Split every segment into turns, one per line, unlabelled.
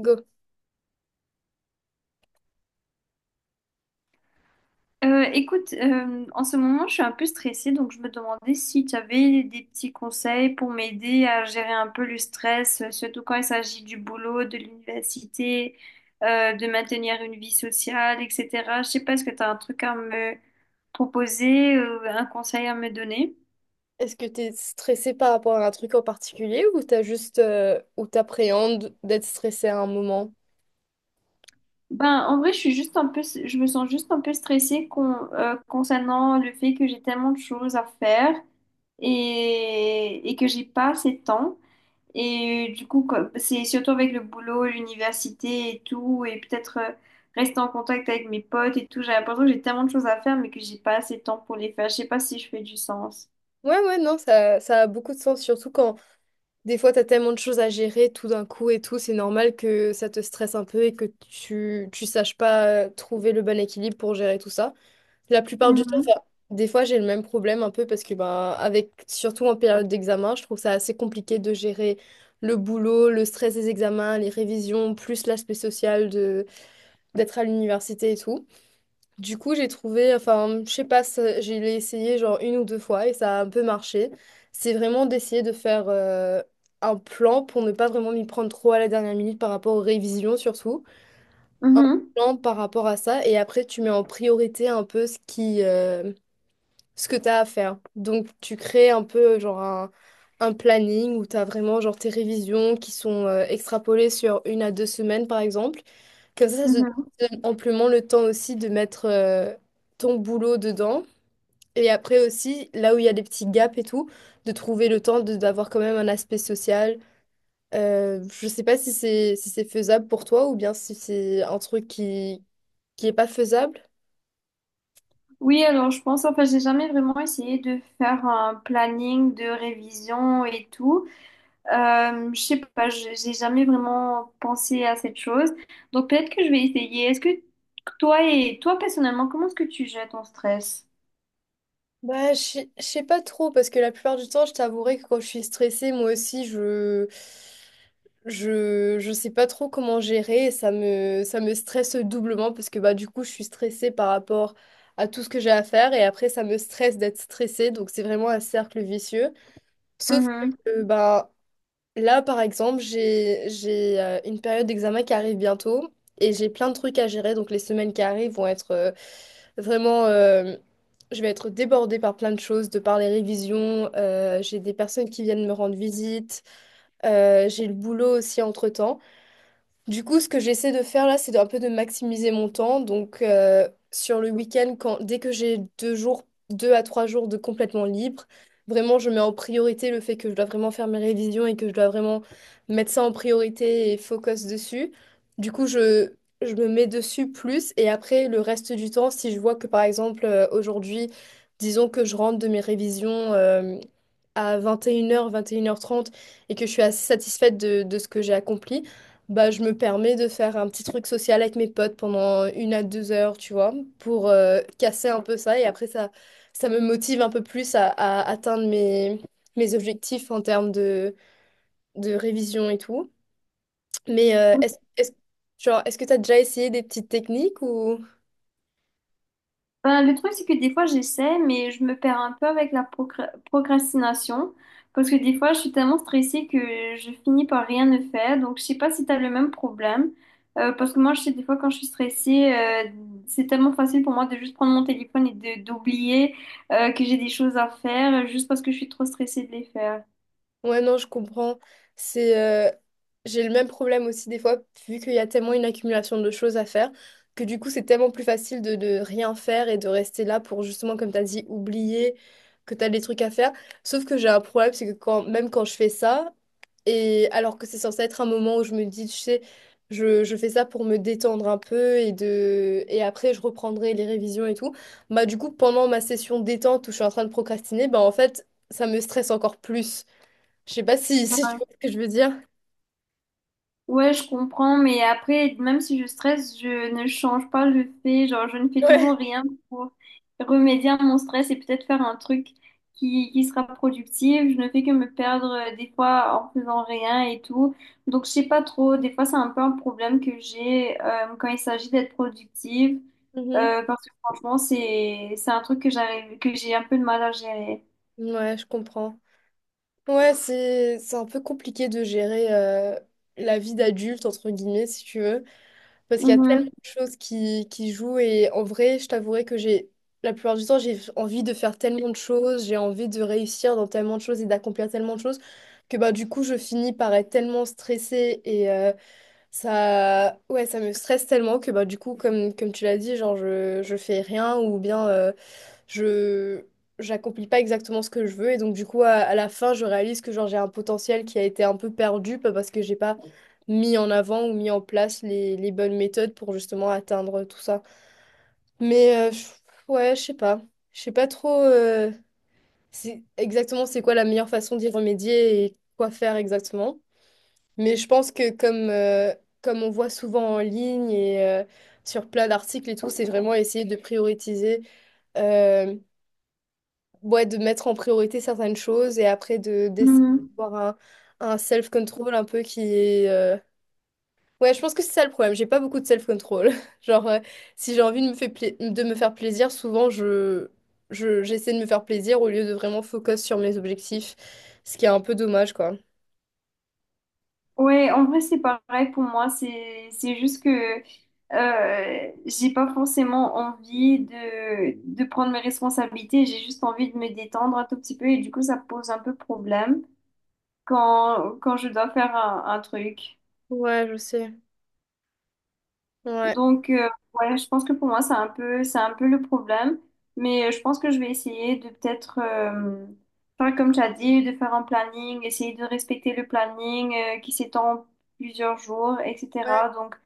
Go.
Écoute, en ce moment, je suis un peu stressée, donc je me demandais si tu avais des petits conseils pour m'aider à gérer un peu le stress, surtout quand il s'agit du boulot, de l'université, de maintenir une vie sociale, etc. Je sais pas, est-ce que tu as un truc à me proposer, un conseil à me donner?
Est-ce que tu es stressé par rapport à un truc en particulier ou t'as juste ou t'appréhendes d'être stressé à un moment?
Ben, en vrai, je suis juste un peu, je me sens juste un peu stressée concernant le fait que j'ai tellement de choses à faire et que j'ai pas assez de temps. Et du coup, c'est surtout avec le boulot, l'université et tout, et peut-être rester en contact avec mes potes et tout. J'ai l'impression que j'ai tellement de choses à faire, mais que j'ai pas assez de temps pour les faire. Je sais pas si je fais du sens.
Ouais, ouais, non, ça a beaucoup de sens, surtout quand des fois t'as tellement de choses à gérer tout d'un coup et tout, c'est normal que ça te stresse un peu et que tu saches pas trouver le bon équilibre pour gérer tout ça. La plupart du temps,
Mhm,
enfin, des fois j'ai le même problème un peu parce que bah, avec surtout en période d'examen, je trouve ça assez compliqué de gérer le boulot, le stress des examens, les révisions, plus l'aspect social de d'être à l'université et tout. Du coup, j'ai trouvé, enfin, je sais pas, j'ai l'ai essayé genre 1 ou 2 fois et ça a un peu marché. C'est vraiment d'essayer de faire un plan pour ne pas vraiment m'y prendre trop à la dernière minute par rapport aux révisions surtout. Un
mhm,
plan par rapport à ça et après tu mets en priorité un peu ce que tu as à faire. Donc tu crées un peu genre un planning où tu as vraiment genre tes révisions qui sont extrapolées sur 1 à 2 semaines par exemple. Comme ça te
mhm.
donne amplement le temps aussi de mettre ton boulot dedans. Et après aussi, là où il y a des petits gaps et tout, de trouver le temps d'avoir quand même un aspect social. Je sais pas si c'est si c'est faisable pour toi ou bien si c'est un truc qui est pas faisable.
Oui, alors je pense, enfin, j'ai jamais vraiment essayé de faire un planning de révision et tout. Je sais pas, j'ai jamais vraiment pensé à cette chose. Donc peut-être que je vais essayer. Est-ce que toi personnellement, comment est-ce que tu gères ton stress?
Bah, je sais pas trop parce que la plupart du temps, je t'avouerai que quand je suis stressée, moi aussi, je sais pas trop comment gérer et ça me stresse doublement parce que bah, du coup, je suis stressée par rapport à tout ce que j'ai à faire et après, ça me stresse d'être stressée. Donc, c'est vraiment un cercle vicieux. Sauf
Mhm.
que bah, là, par exemple, j'ai une période d'examen qui arrive bientôt et j'ai plein de trucs à gérer. Donc, les semaines qui arrivent vont être vraiment... euh, je vais être débordée par plein de choses, de par les révisions. J'ai des personnes qui viennent me rendre visite. J'ai le boulot aussi entre-temps. Du coup, ce que j'essaie de faire là, c'est un peu de maximiser mon temps. Donc, sur le week-end, dès que j'ai 2 jours, 2 à 3 jours de complètement libre, vraiment, je mets en priorité le fait que je dois vraiment faire mes révisions et que je dois vraiment mettre ça en priorité et focus dessus. Du coup, je me mets dessus plus. Et après, le reste du temps, si je vois que, par exemple, aujourd'hui, disons que je rentre de mes révisions, à 21 heures, 21h30, et que je suis assez satisfaite de ce que j'ai accompli bah, je me permets de faire un petit truc social avec mes potes pendant 1 à 2 heures, tu vois, pour casser un peu ça. Et après, ça me motive un peu plus à atteindre mes objectifs en termes de révision et tout. Mais genre, est-ce que tu as déjà essayé des petites techniques ou...
Ben, le truc, c'est que des fois, j'essaie, mais je me perds un peu avec la procrastination. Parce que des fois, je suis tellement stressée que je finis par rien ne faire. Donc, je sais pas si tu as le même problème. Parce que moi, je sais, des fois, quand je suis stressée, c'est tellement facile pour moi de juste prendre mon téléphone et de d'oublier que j'ai des choses à faire, juste parce que je suis trop stressée de les faire.
Ouais, non, je comprends. C'est, euh, j'ai le même problème aussi des fois, vu qu'il y a tellement une accumulation de choses à faire, que du coup, c'est tellement plus facile de rien faire et de rester là pour justement, comme tu as dit, oublier que tu as des trucs à faire. Sauf que j'ai un problème, c'est que même quand je fais ça, et alors que c'est censé être un moment où je me dis, tu sais, je fais ça pour me détendre un peu et après, je reprendrai les révisions et tout, bah du coup, pendant ma session détente où je suis en train de procrastiner, bah en fait, ça me stresse encore plus. Je sais pas si tu vois ce que je veux dire.
Ouais, je comprends, mais après, même si je stresse, je ne change pas le fait, genre, je ne fais toujours
Ouais.
rien pour remédier à mon stress et peut-être faire un truc qui sera productif. Je ne fais que me perdre des fois en faisant rien et tout. Donc, je sais pas trop, des fois, c'est un peu un problème que j'ai quand il s'agit d'être productive,
Mhm.
parce que franchement, c'est un truc que j'arrive, que j'ai un peu de mal à gérer.
Ouais, je comprends. Ouais, c'est un peu compliqué de gérer la vie d'adulte, entre guillemets, si tu veux, parce qu'il y a tellement
Mhm.
de choses qui jouent et en vrai, je t'avouerai que j'ai, la plupart du temps, j'ai envie de faire tellement de choses, j'ai envie de réussir dans tellement de choses et d'accomplir tellement de choses que bah, du coup, je finis par être tellement stressée ça, ouais, ça me stresse tellement que bah, du coup, comme, comme tu l'as dit, genre, je fais rien ou bien je j'accomplis pas exactement ce que je veux. Et donc, du coup, à la fin, je réalise que genre, j'ai un potentiel qui a été un peu perdu pas parce que j'ai pas mis en avant ou mis en place les bonnes méthodes pour justement atteindre tout ça. Mais ouais, je sais pas. Je sais pas trop c'est quoi la meilleure façon d'y remédier et quoi faire exactement. Mais je pense que comme on voit souvent en ligne et sur plein d'articles et tout, c'est vraiment essayer de prioriser, euh, ouais, de mettre en priorité certaines choses et après de d'essayer
Mhm.
d'avoir un self-control un peu ouais, je pense que c'est ça le problème, j'ai pas beaucoup de self-control. Genre, si j'ai envie de de me faire plaisir, souvent j'essaie de me faire plaisir au lieu de vraiment focus sur mes objectifs, ce qui est un peu dommage, quoi.
Ouais, en vrai, c'est pareil pour moi. C'est juste que j'ai pas forcément envie de prendre mes responsabilités. J'ai juste envie de me détendre un tout petit peu et du coup, ça pose un peu problème quand, quand je dois faire un truc.
Ouais, je sais. Ouais.
Donc, ouais, je pense que pour moi, c'est un peu le problème. Mais je pense que je vais essayer de peut-être faire comme tu as dit, de faire un planning, essayer de respecter le planning qui s'étend plusieurs jours,
Ouais,
etc. Donc,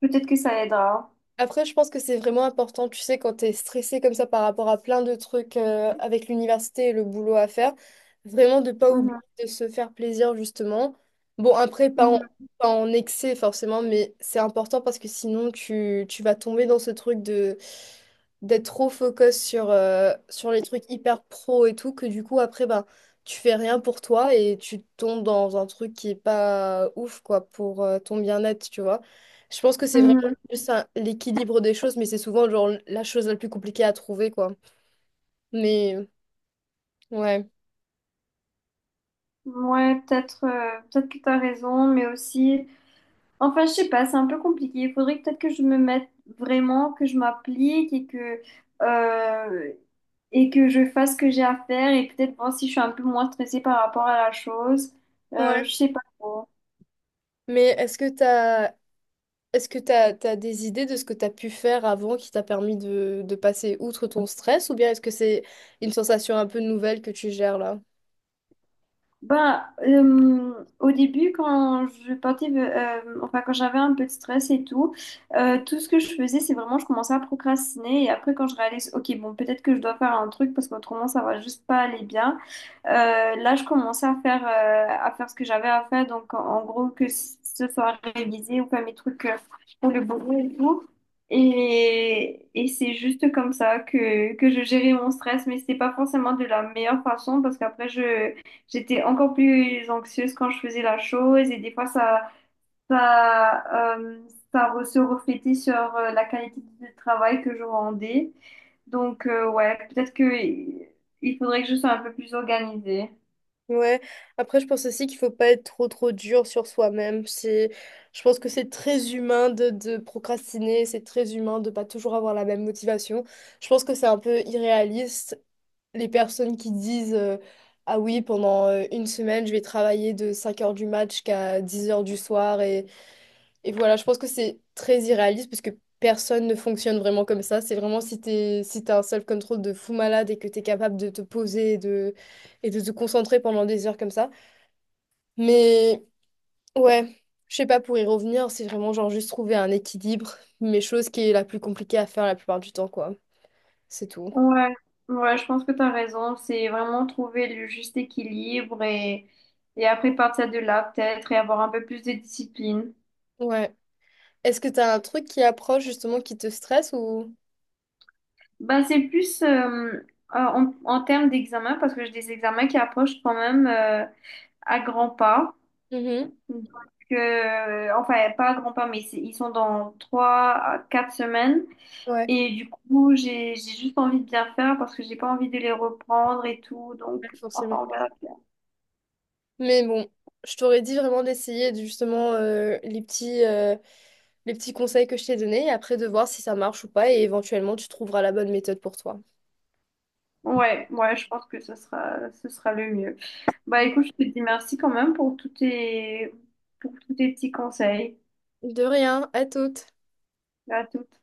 peut-être que ça aidera.
après, je pense que c'est vraiment important, tu sais, quand tu es stressé comme ça par rapport à plein de trucs avec l'université et le boulot à faire, vraiment de pas oublier
Mhm,
de se faire plaisir, justement. Bon, après,
mhm,
pas en excès forcément, mais c'est important parce que sinon, tu vas tomber dans ce truc de d'être trop focus sur, sur les trucs hyper pro et tout, que du coup, après, ben, tu fais rien pour toi et tu tombes dans un truc qui est pas ouf, quoi, pour ton bien-être, tu vois. Je pense que c'est
mhm.
juste un- l'équilibre des choses, mais c'est souvent genre la chose la plus compliquée à trouver, quoi. Mais ouais.
Ouais, peut-être que tu as raison, mais aussi. Enfin, je sais pas, c'est un peu compliqué. Peut-être que je me mette vraiment, que je m'applique euh, et que je fasse ce que j'ai à faire et peut-être voir si je suis un peu moins stressée par rapport à la chose.
Ouais.
Je sais pas trop.
Mais t'as des idées de ce que t'as pu faire avant qui t'a permis de passer outre ton stress, ou bien est-ce que c'est une sensation un peu nouvelle que tu gères là?
Ben, au début, quand je partais, enfin, quand j'avais un peu de stress et tout, tout ce que je faisais, c'est vraiment, je commençais à procrastiner et après, quand je réalise, ok, bon, peut-être que je dois faire un truc parce qu'autrement, ça va juste pas aller bien. Là, je commençais à faire ce que j'avais à faire. Donc, en gros, que ce soit révisé ou faire mes trucs pour le boulot et tout. Et c'est juste comme ça que je gérais mon stress. Mais c'était pas forcément de la meilleure façon parce qu'après, j'étais encore plus anxieuse quand je faisais la chose. Et des fois, ça, euh, se reflétait sur la qualité du travail que je rendais. Donc, ouais, peut-être que il faudrait que je sois un peu plus organisée.
Ouais, après je pense aussi qu'il faut pas être trop trop dur sur soi-même. C'est, je pense que c'est très humain de procrastiner, c'est très humain de pas toujours avoir la même motivation. Je pense que c'est un peu irréaliste les personnes qui disent ah oui, pendant une semaine, je vais travailler de 5 heures du match jusqu'à 10 heures du soir. Et voilà, je pense que c'est très irréaliste parce que personne ne fonctionne vraiment comme ça. C'est vraiment si t'as un self-control de fou malade et que t'es capable de te poser et de te concentrer pendant des heures comme ça. Mais ouais. Je sais pas, pour y revenir, c'est vraiment genre juste trouver un équilibre, mais chose qui est la plus compliquée à faire la plupart du temps, quoi. C'est tout.
Ouais, ouais, je pense que tu as raison. C'est vraiment trouver le juste équilibre et après partir de là, peut-être, et avoir un peu plus de discipline.
Ouais. Est-ce que t'as un truc qui approche justement qui te stresse ou...
Ben, c'est plus en termes d'examen, parce que j'ai des examens qui approchent quand même à grands pas.
Mhm.
Donc, enfin, pas à grands pas, mais ils sont dans 3 à 4 semaines.
Ouais,
Et du coup, j'ai juste envie de bien faire parce que j'ai pas envie de les reprendre et tout.
ouais,
Donc,
forcément.
enfin, on verra.
Mais bon, je t'aurais dit vraiment d'essayer justement les petits conseils que je t'ai donnés et après de voir si ça marche ou pas et éventuellement tu trouveras la bonne méthode pour toi.
Ouais, ouais, je pense que ce sera le mieux. Bah écoute, je te dis merci quand même pour tous tes petits conseils.
De rien, à toutes.
À toutes.